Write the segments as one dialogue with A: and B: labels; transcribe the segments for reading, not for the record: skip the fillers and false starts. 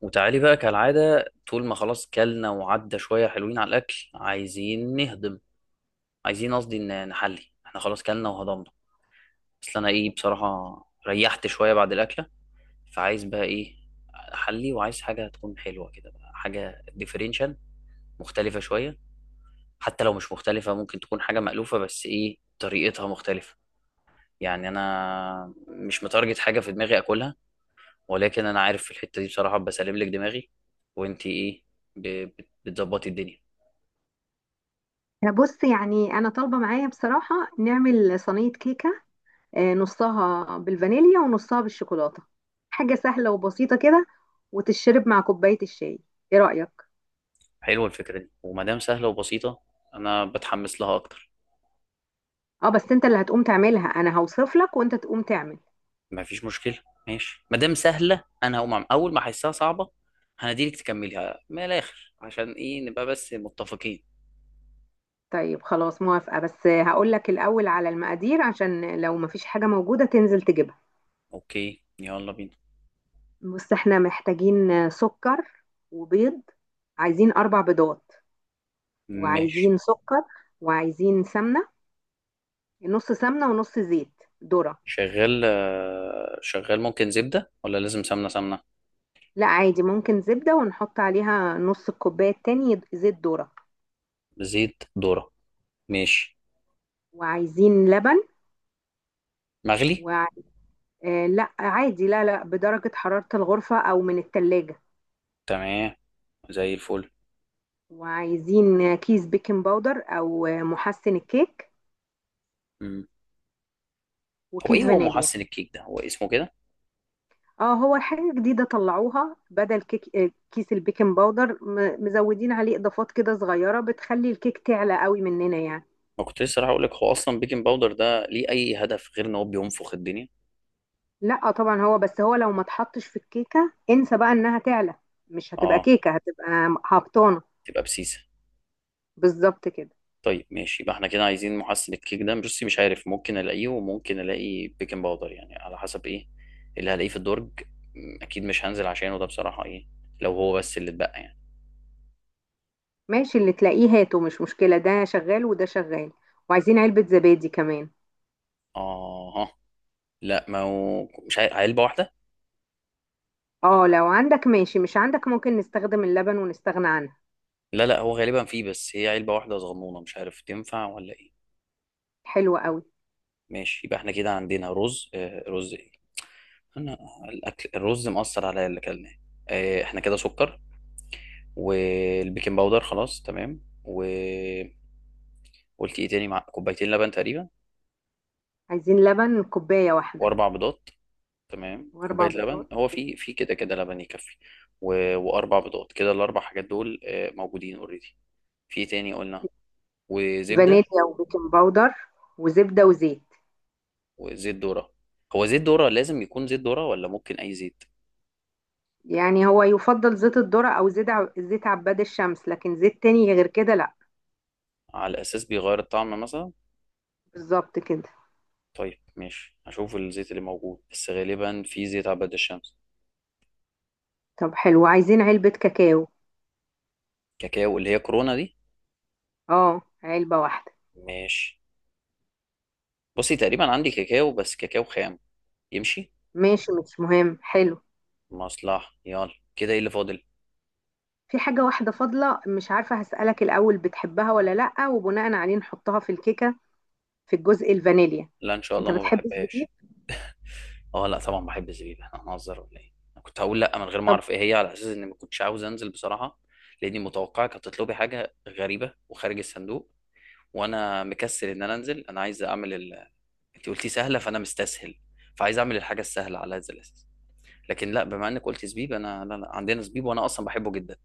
A: وتعالي بقى كالعادة، طول ما خلاص كلنا وعدى شوية حلوين على الأكل، عايزين نهضم. عايزين، قصدي نحلي، احنا خلاص كلنا وهضمنا. بس أنا إيه بصراحة؟ ريحت شوية بعد الأكلة، فعايز بقى إيه؟ أحلي، وعايز حاجة تكون حلوة كده، بقى حاجة ديفرنشال، مختلفة شوية. حتى لو مش مختلفة، ممكن تكون حاجة مألوفة بس إيه طريقتها مختلفة. يعني أنا مش متارجت حاجة في دماغي أكلها، ولكن أنا عارف في الحتة دي بصراحة بسلم لك دماغي. وإنتي إيه؟ بتظبطي الدنيا.
B: آه، بص يعني انا طالبه معايا بصراحه نعمل صينيه كيكه. آه، نصها بالفانيليا ونصها بالشوكولاته. حاجه سهله وبسيطه كده، وتشرب مع كوبايه الشاي. ايه رايك؟
A: حلوة الفكرة دي، وما دام سهلة وبسيطة أنا بتحمس لها أكتر.
B: اه بس انت اللي هتقوم تعملها، انا هوصف لك وانت تقوم تعمل.
A: ما فيش مشكلة. ماشي، ما دام سهلة أنا هقوم، عم أول ما أحسها صعبة هنديلك تكمليها من الآخر، عشان إيه؟ نبقى بس متفقين.
B: طيب خلاص موافقه، بس هقول لك الاول على المقادير عشان لو مفيش حاجه موجوده تنزل تجيبها.
A: أوكي، يلا بينا.
B: بص احنا محتاجين سكر وبيض. عايزين اربع بيضات،
A: ماشي.
B: وعايزين سكر، وعايزين سمنه. نص سمنة ونص زيت ذرة.
A: شغال، آه، شغال، ممكن زبدة ولا لازم سمنة سمنة؟
B: لا عادي ممكن زبدة، ونحط عليها نص الكوباية التاني زيت ذرة.
A: زيت ذرة، ماشي.
B: وعايزين لبن
A: مغلي؟
B: و... آه لا عادي، لا لا، بدرجة حرارة الغرفة أو من التلاجة.
A: تمام، زي الفل.
B: وعايزين كيس بيكنج باودر أو محسن الكيك،
A: مم. هو إيه،
B: وكيس
A: هو
B: فانيليا.
A: محسن الكيك ده، هو اسمه كده؟
B: اه هو حاجة جديدة طلعوها بدل كيك، آه، كيس البيكنج باودر مزودين عليه إضافات كده صغيرة بتخلي الكيك تعلى قوي مننا يعني.
A: ما كنت لسه راح أقول لك، هو أصلا بيكنج باودر ده ليه أي هدف غير إن هو بينفخ الدنيا؟
B: لا طبعا هو، بس هو لو ما اتحطش في الكيكه انسى بقى انها تعلى. مش هتبقى
A: اه،
B: كيكه، هتبقى هبطانه.
A: تبقى بسيسه.
B: بالظبط كده.
A: طيب ماشي، يبقى احنا كده عايزين محسن الكيك ده، بصي مش عارف، ممكن الاقيه وممكن الاقي بيكنج باودر، يعني على حسب ايه اللي هلاقيه في الدرج. اكيد مش هنزل عشانه ده بصراحه، ايه لو هو بس اللي اتبقى يعني.
B: ماشي اللي تلاقيه هاته، مش مشكله، ده شغال وده شغال. وعايزين علبه زبادي كمان.
A: اه، لا ما هو مش عارف، علبه واحده؟
B: اه لو عندك ماشي، مش عندك ممكن نستخدم اللبن ونستغنى عنها.
A: لا لا، هو غالبا فيه بس هي علبه واحده صغنونه، مش عارف تنفع ولا ايه.
B: حلو قوي.
A: ماشي، يبقى احنا كده عندنا رز، آه، رز ايه؟ انا، الاكل الرز مأثر عليا اللي اكلناه. آه، احنا كده سكر والبيكنج باودر، خلاص تمام. قلت ايه تاني، مع كوبايتين لبن تقريبا؟
B: عايزين لبن كوبايه واحده.
A: واربع بيضات. تمام، كوبايه
B: واربع
A: لبن،
B: بيضات.
A: هو في كده كده لبن يكفي. واربع بيضات، كده الاربع حاجات دول موجودين اوريدي. في إيه تاني قلنا؟ وزبده.
B: فانيليا وبيكنج باودر، وزبده وزيت.
A: وزيت ذره. هو زيت ذره لازم يكون زيت ذره ولا ممكن اي زيت؟
B: يعني هو يفضل زيت الذرة او زيت زيت عباد الشمس، لكن زيت تاني غير كده لا.
A: على اساس بيغير الطعم مثلا؟
B: بالظبط كده.
A: طيب ماشي، هشوف الزيت اللي موجود، بس غالبا في زيت عباد الشمس.
B: طب حلو، عايزين علبة كاكاو.
A: كاكاو اللي هي كورونا دي؟
B: اه علبة واحدة.
A: ماشي. بصي، تقريبا عندي كاكاو بس كاكاو خام، يمشي؟
B: ماشي مش مهم، حلو.
A: مصلحة. يلا كده ايه اللي فاضل؟
B: في حاجة واحدة فاضلة، مش عارفة، هسألك الأول بتحبها ولا لأ، وبناء عليه نحطها في الكيكة، في الجزء الفانيليا.
A: لا ان شاء
B: انت
A: الله، ما
B: بتحب الزبيب؟
A: بحبهاش. اه لا، طبعا بحب زبيب، احنا هنهزر ولا ايه؟ انا كنت هقول لا من غير ما
B: طب،
A: اعرف ايه هي، على اساس اني ما كنتش عاوز انزل بصراحه، لاني متوقعك هتطلبي حاجه غريبه وخارج الصندوق، وانا مكسل ان انا انزل. انا عايز اعمل ال... انت قلتي سهله فانا مستسهل، فعايز اعمل الحاجه السهله على هذا الاساس. لكن لا، بما انك قلت زبيب انا، لا لا، عندنا زبيب وانا اصلا بحبه جدا.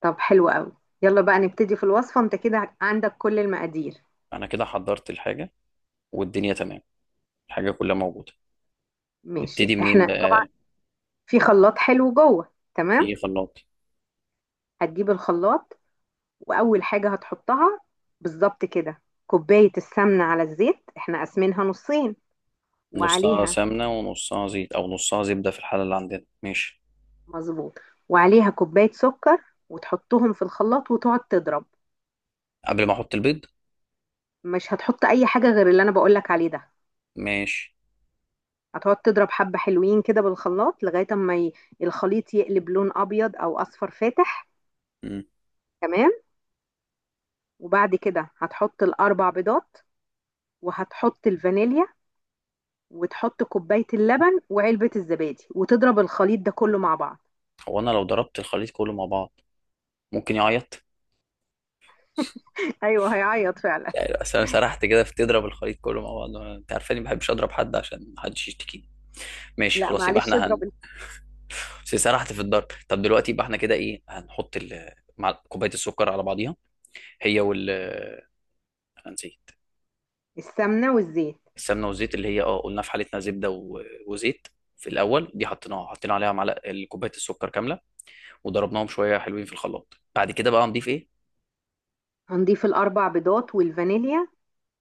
B: طب حلو قوي. يلا بقى نبتدي في الوصفة، انت كده عندك كل المقادير.
A: انا كده حضرت الحاجه والدنيا تمام، الحاجه كلها موجوده.
B: ماشي
A: نبتدي منين
B: احنا طبعا
A: بقى؟
B: في خلاط حلو جوه تمام.
A: في خلاط.
B: هتجيب الخلاط، وأول حاجة هتحطها، بالظبط كده، كوباية السمنة على الزيت احنا قاسمينها نصين.
A: نصها
B: وعليها،
A: سمنة ونصها زيت، أو نصها زبدة في الحالة اللي عندنا، ماشي.
B: مظبوط، وعليها كوباية سكر، وتحطهم في الخلاط وتقعد تضرب.
A: قبل ما أحط البيض؟
B: مش هتحط اي حاجة غير اللي انا بقولك عليه ده.
A: ماشي.
B: هتقعد تضرب حبة حلوين كده بالخلاط لغاية اما الخليط يقلب لون ابيض او اصفر فاتح.
A: مم.
B: تمام. وبعد كده هتحط الاربع بيضات، وهتحط الفانيليا، وتحط كوباية اللبن وعلبة الزبادي، وتضرب الخليط ده كله مع بعض.
A: هو أنا لو ضربت الخليط كله مع بعض، ممكن يعيط؟
B: ايوه هيعيط
A: مش
B: فعلا.
A: عارف، أصل أنا سرحت كده في تضرب الخليط كله مع بعض. أنت عارفاني ما بحبش أضرب حد عشان محدش يشتكيني. ماشي
B: لا
A: خلاص، يبقى
B: معلش
A: إحنا
B: اضرب.
A: بس سرحت في الضرب. طب دلوقتي يبقى إحنا كده إيه، هنحط مع كوباية السكر على بعضيها، هي أنا نسيت.
B: السمنة والزيت.
A: السمنة والزيت، اللي هي قلنا في حالتنا زبدة وزيت، في الأول. دي حطينا عليها معلقة كوباية السكر كاملة وضربناهم شويه حلوين في الخلاط. بعد كده بقى هنضيف ايه؟
B: هنضيف الاربع بيضات والفانيليا،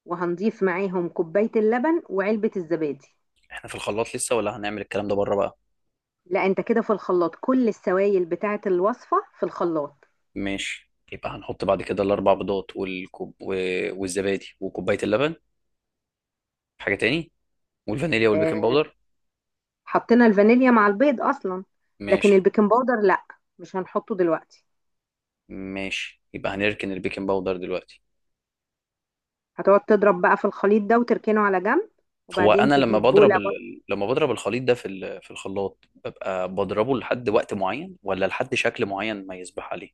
B: وهنضيف معاهم كوباية اللبن وعلبة الزبادي.
A: احنا في الخلاط لسه ولا هنعمل الكلام ده بره بقى؟
B: لا انت كده في الخلاط، كل السوائل بتاعة الوصفة في الخلاط.
A: ماشي، يبقى هنحط بعد كده الاربع بيضات والكوب والزبادي وكوبايه اللبن. حاجه تاني؟ والفانيليا
B: آه،
A: والبيكنج باودر.
B: حطينا الفانيليا مع البيض اصلا. لكن
A: ماشي.
B: البيكنج باودر لا، مش هنحطه دلوقتي.
A: ماشي، يبقى هنركن البيكنج باودر دلوقتي.
B: هتقعد تضرب بقى في الخليط ده وتركنه على جنب،
A: هو
B: وبعدين
A: انا لما
B: تجيب
A: بضرب
B: بولة بقى،
A: لما بضرب الخليط ده في في الخلاط، ببقى بضربه لحد وقت معين ولا لحد شكل معين ما يصبح عليه؟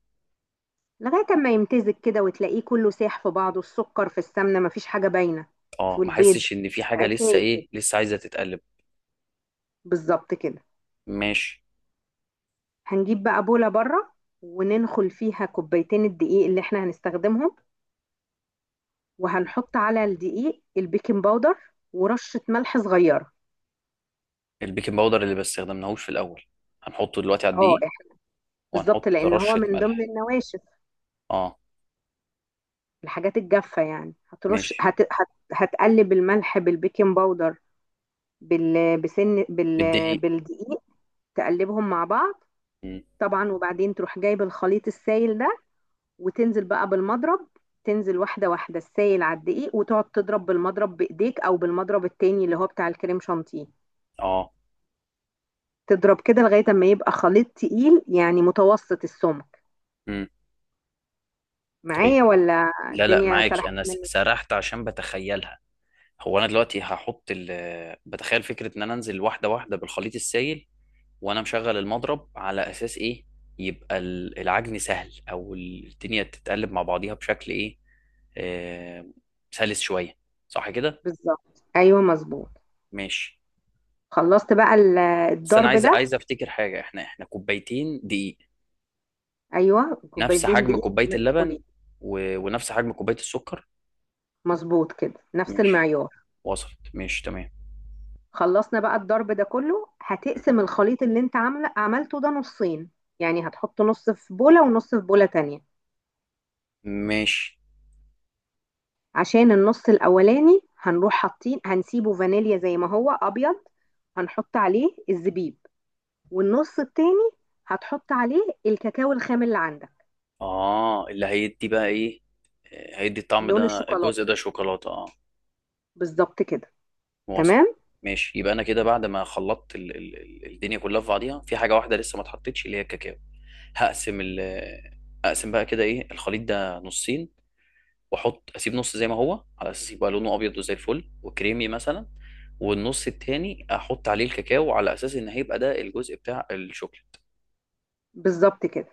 B: لغاية ما يمتزج كده وتلاقيه كله ساح في بعضه، السكر في السمنة، مفيش حاجة باينة. وفي
A: اه، ما
B: البيض
A: احسش ان في حاجه لسه،
B: سايب كده.
A: ايه لسه عايزه تتقلب.
B: بالظبط كده.
A: ماشي.
B: هنجيب بقى بولة بره، وننخل فيها كوبايتين الدقيق اللي احنا هنستخدمهم، وهنحط على الدقيق البيكنج باودر ورشة ملح صغيرة.
A: البيكنج باودر اللي ما استخدمناهوش في الاول، هنحطه دلوقتي على
B: اه
A: الدقيق
B: إح- بالظبط،
A: وهنحط
B: لان هو
A: رشه
B: من ضمن
A: ملح.
B: النواشف،
A: اه.
B: الحاجات الجافة يعني.
A: ماشي.
B: هتقلب الملح بالبيكنج باودر بال... بسن بال...
A: بالدقيق.
B: بالدقيق، تقلبهم مع بعض.
A: مم.
B: طبعا وبعدين تروح جايب الخليط السائل ده، وتنزل بقى بالمضرب، تنزل واحدة واحدة السائل على الدقيق، وتقعد تضرب بالمضرب بإيديك أو بالمضرب التاني اللي هو بتاع الكريم شانتيه.
A: اه.
B: تضرب كده لغاية ما يبقى خليط تقيل، يعني متوسط السمك.
A: مم. طيب.
B: معايا ولا
A: لا لا،
B: الدنيا
A: معاكي،
B: سرحت
A: انا
B: منك؟
A: سرحت عشان بتخيلها. هو انا دلوقتي هحط بتخيل فكره ان انا انزل واحده واحده بالخليط السائل وانا مشغل المضرب، على اساس ايه؟ يبقى العجن سهل، او الدنيا تتقلب مع بعضيها بشكل ايه؟ آه، سلس شويه، صح كده؟
B: بالظبط ايوه مظبوط.
A: ماشي.
B: خلصت بقى
A: بس انا
B: الضرب
A: عايز،
B: ده.
A: افتكر حاجه، احنا كوبايتين دقيق،
B: ايوه
A: نفس
B: كوبايتين
A: حجم
B: دقيق
A: كوبايه
B: منخولين.
A: اللبن ونفس حجم كوبايه السكر.
B: مظبوط كده نفس
A: ماشي،
B: المعيار.
A: وصلت ماشي تمام.
B: خلصنا بقى الضرب ده كله، هتقسم الخليط اللي انت عملته ده نصين. يعني هتحط نص في بولة ونص في بولة تانية.
A: ماشي.
B: عشان النص الاولاني هنروح حاطين، هنسيبه فانيليا زي ما هو ابيض، هنحط عليه الزبيب. والنص التاني هتحط عليه الكاكاو الخام اللي عندك.
A: اه، اللي هيدي بقى ايه؟ آه، هيدي الطعم
B: لون
A: ده، الجزء
B: الشوكولاتة،
A: ده شوكولاته، اه.
B: بالظبط كده.
A: وصل.
B: تمام،
A: ماشي، يبقى انا كده بعد ما خلطت الدنيا كلها في بعضيها، في حاجه واحده لسه ما اتحطتش، اللي هي الكاكاو. هقسم ال... اقسم بقى كده ايه، الخليط ده نصين، اسيب نص زي ما هو على اساس يبقى لونه ابيض وزي الفل وكريمي مثلا، والنص التاني احط عليه الكاكاو على اساس ان هيبقى ده الجزء بتاع الشوكليت.
B: بالظبط كده.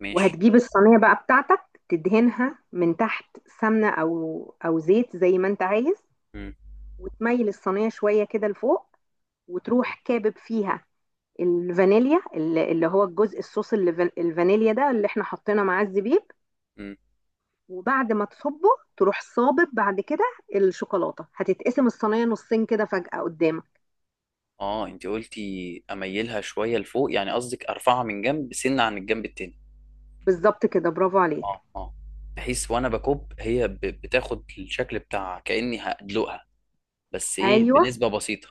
A: ماشي.
B: وهتجيب الصينية بقى بتاعتك، تدهنها من تحت سمنة أو زيت زي ما أنت عايز.
A: مم.
B: وتميل الصينية شوية كده لفوق، وتروح كابب فيها الفانيليا، اللي هو الجزء الصوص، اللي الفانيليا ده اللي احنا حطينا معاه الزبيب.
A: مم.
B: وبعد ما تصبه تروح صابب بعد كده الشوكولاتة. هتتقسم الصينية نصين كده فجأة قدامك.
A: اه، انت قلتي اميلها شويه لفوق، يعني قصدك ارفعها من جنب سنه عن الجنب التاني.
B: بالظبط كده، برافو عليك.
A: اه اه. بحيث وانا بكب هي بتاخد الشكل بتاعها كاني هدلقها، بس ايه
B: ايوه
A: بنسبه بسيطه.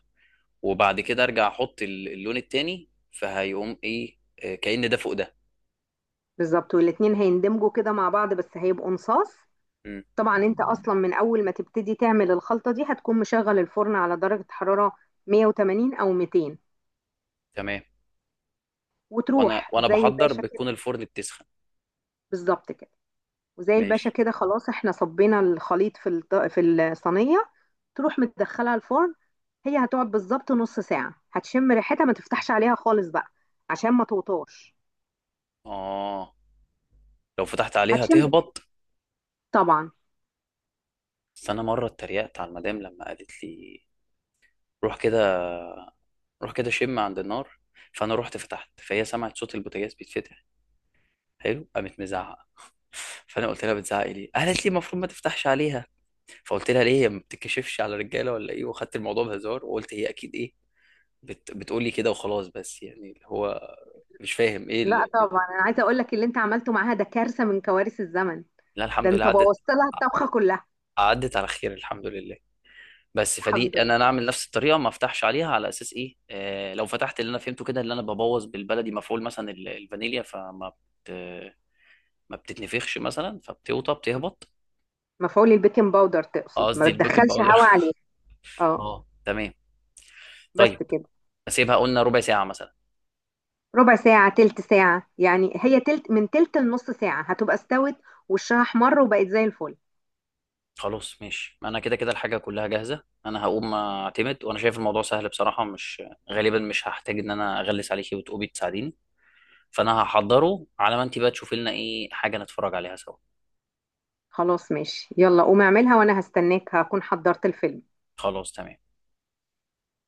A: وبعد كده ارجع احط اللون التاني، فهيقوم ايه؟ آه، كأن ده فوق ده.
B: بالظبط، والاتنين هيندمجوا كده مع بعض، بس هيبقوا نصاص.
A: مم.
B: طبعا انت اصلا من اول ما تبتدي تعمل الخلطة دي هتكون مشغل الفرن على درجة حرارة 180 او 200،
A: تمام.
B: وتروح
A: وانا
B: زي
A: بحضر
B: الباشا
A: بتكون
B: كده.
A: الفرن بتسخن.
B: بالظبط كده. وزي الباشا
A: ماشي.
B: كده خلاص، احنا صبينا الخليط في في الصينية. تروح مدخلها الفرن، هي هتقعد بالظبط نص ساعة، هتشم ريحتها، ما تفتحش عليها خالص بقى عشان ما توطاش.
A: اه، لو فتحت عليها
B: هتشم ريحتها،
A: تهبط.
B: طبعا.
A: بس انا مره اتريقت على المدام لما قالت لي روح كده، روح كده شم عند النار. فانا رحت فتحت فهي سمعت صوت البوتاجاز بيتفتح. حلو، قامت مزعقه. فانا قلت لها بتزعقي ليه، قالت لي المفروض ما تفتحش عليها. فقلت لها ليه، هي ما بتتكشفش على رجاله ولا ايه، واخدت الموضوع بهزار وقلت هي اكيد ايه، بتقول لي كده وخلاص، بس يعني اللي هو مش فاهم ايه
B: لا طبعا انا عايزة اقول لك اللي انت عملته معاها ده كارثة من كوارث الزمن.
A: لا
B: ده
A: الحمد لله
B: انت
A: عدت،
B: بوظت لها الطبخة كلها.
A: عدت على خير الحمد لله. بس
B: الحمد
A: فدي انا،
B: لله.
A: اعمل نفس الطريقه ما افتحش عليها على اساس ايه؟ آه، لو فتحت، اللي انا فهمته كده اللي انا ببوظ بالبلدي مفعول مثلا الفانيليا، بت... ما بتتنفخش مثلا، فبتوطى، بتهبط.
B: مفعول البيكنج باودر
A: آه،
B: تقصد،
A: قصدي
B: ما
A: البيكنج
B: بتدخلش
A: باودر.
B: هوا عليه. اه.
A: اه تمام.
B: بس
A: طيب.
B: كده.
A: اسيبها قلنا ربع ساعه مثلا.
B: ربع ساعة تلت ساعة يعني، هي تلت، من تلت لنص ساعة هتبقى استوت، وشها احمر وبقت زي الفل.
A: خلاص ماشي، ما انا كده كده الحاجه كلها جاهزه، انا هقوم اعتمد وانا شايف الموضوع سهل بصراحه، مش غالبا مش هحتاج ان انا اغلس عليكي وتقومي تساعديني، فانا هحضره على ما انت بقى تشوفي لنا ايه حاجه نتفرج عليها سوا.
B: خلاص ماشي، يلا قوم اعملها، وانا هستناك هكون حضرت الفيلم.
A: خلاص تمام.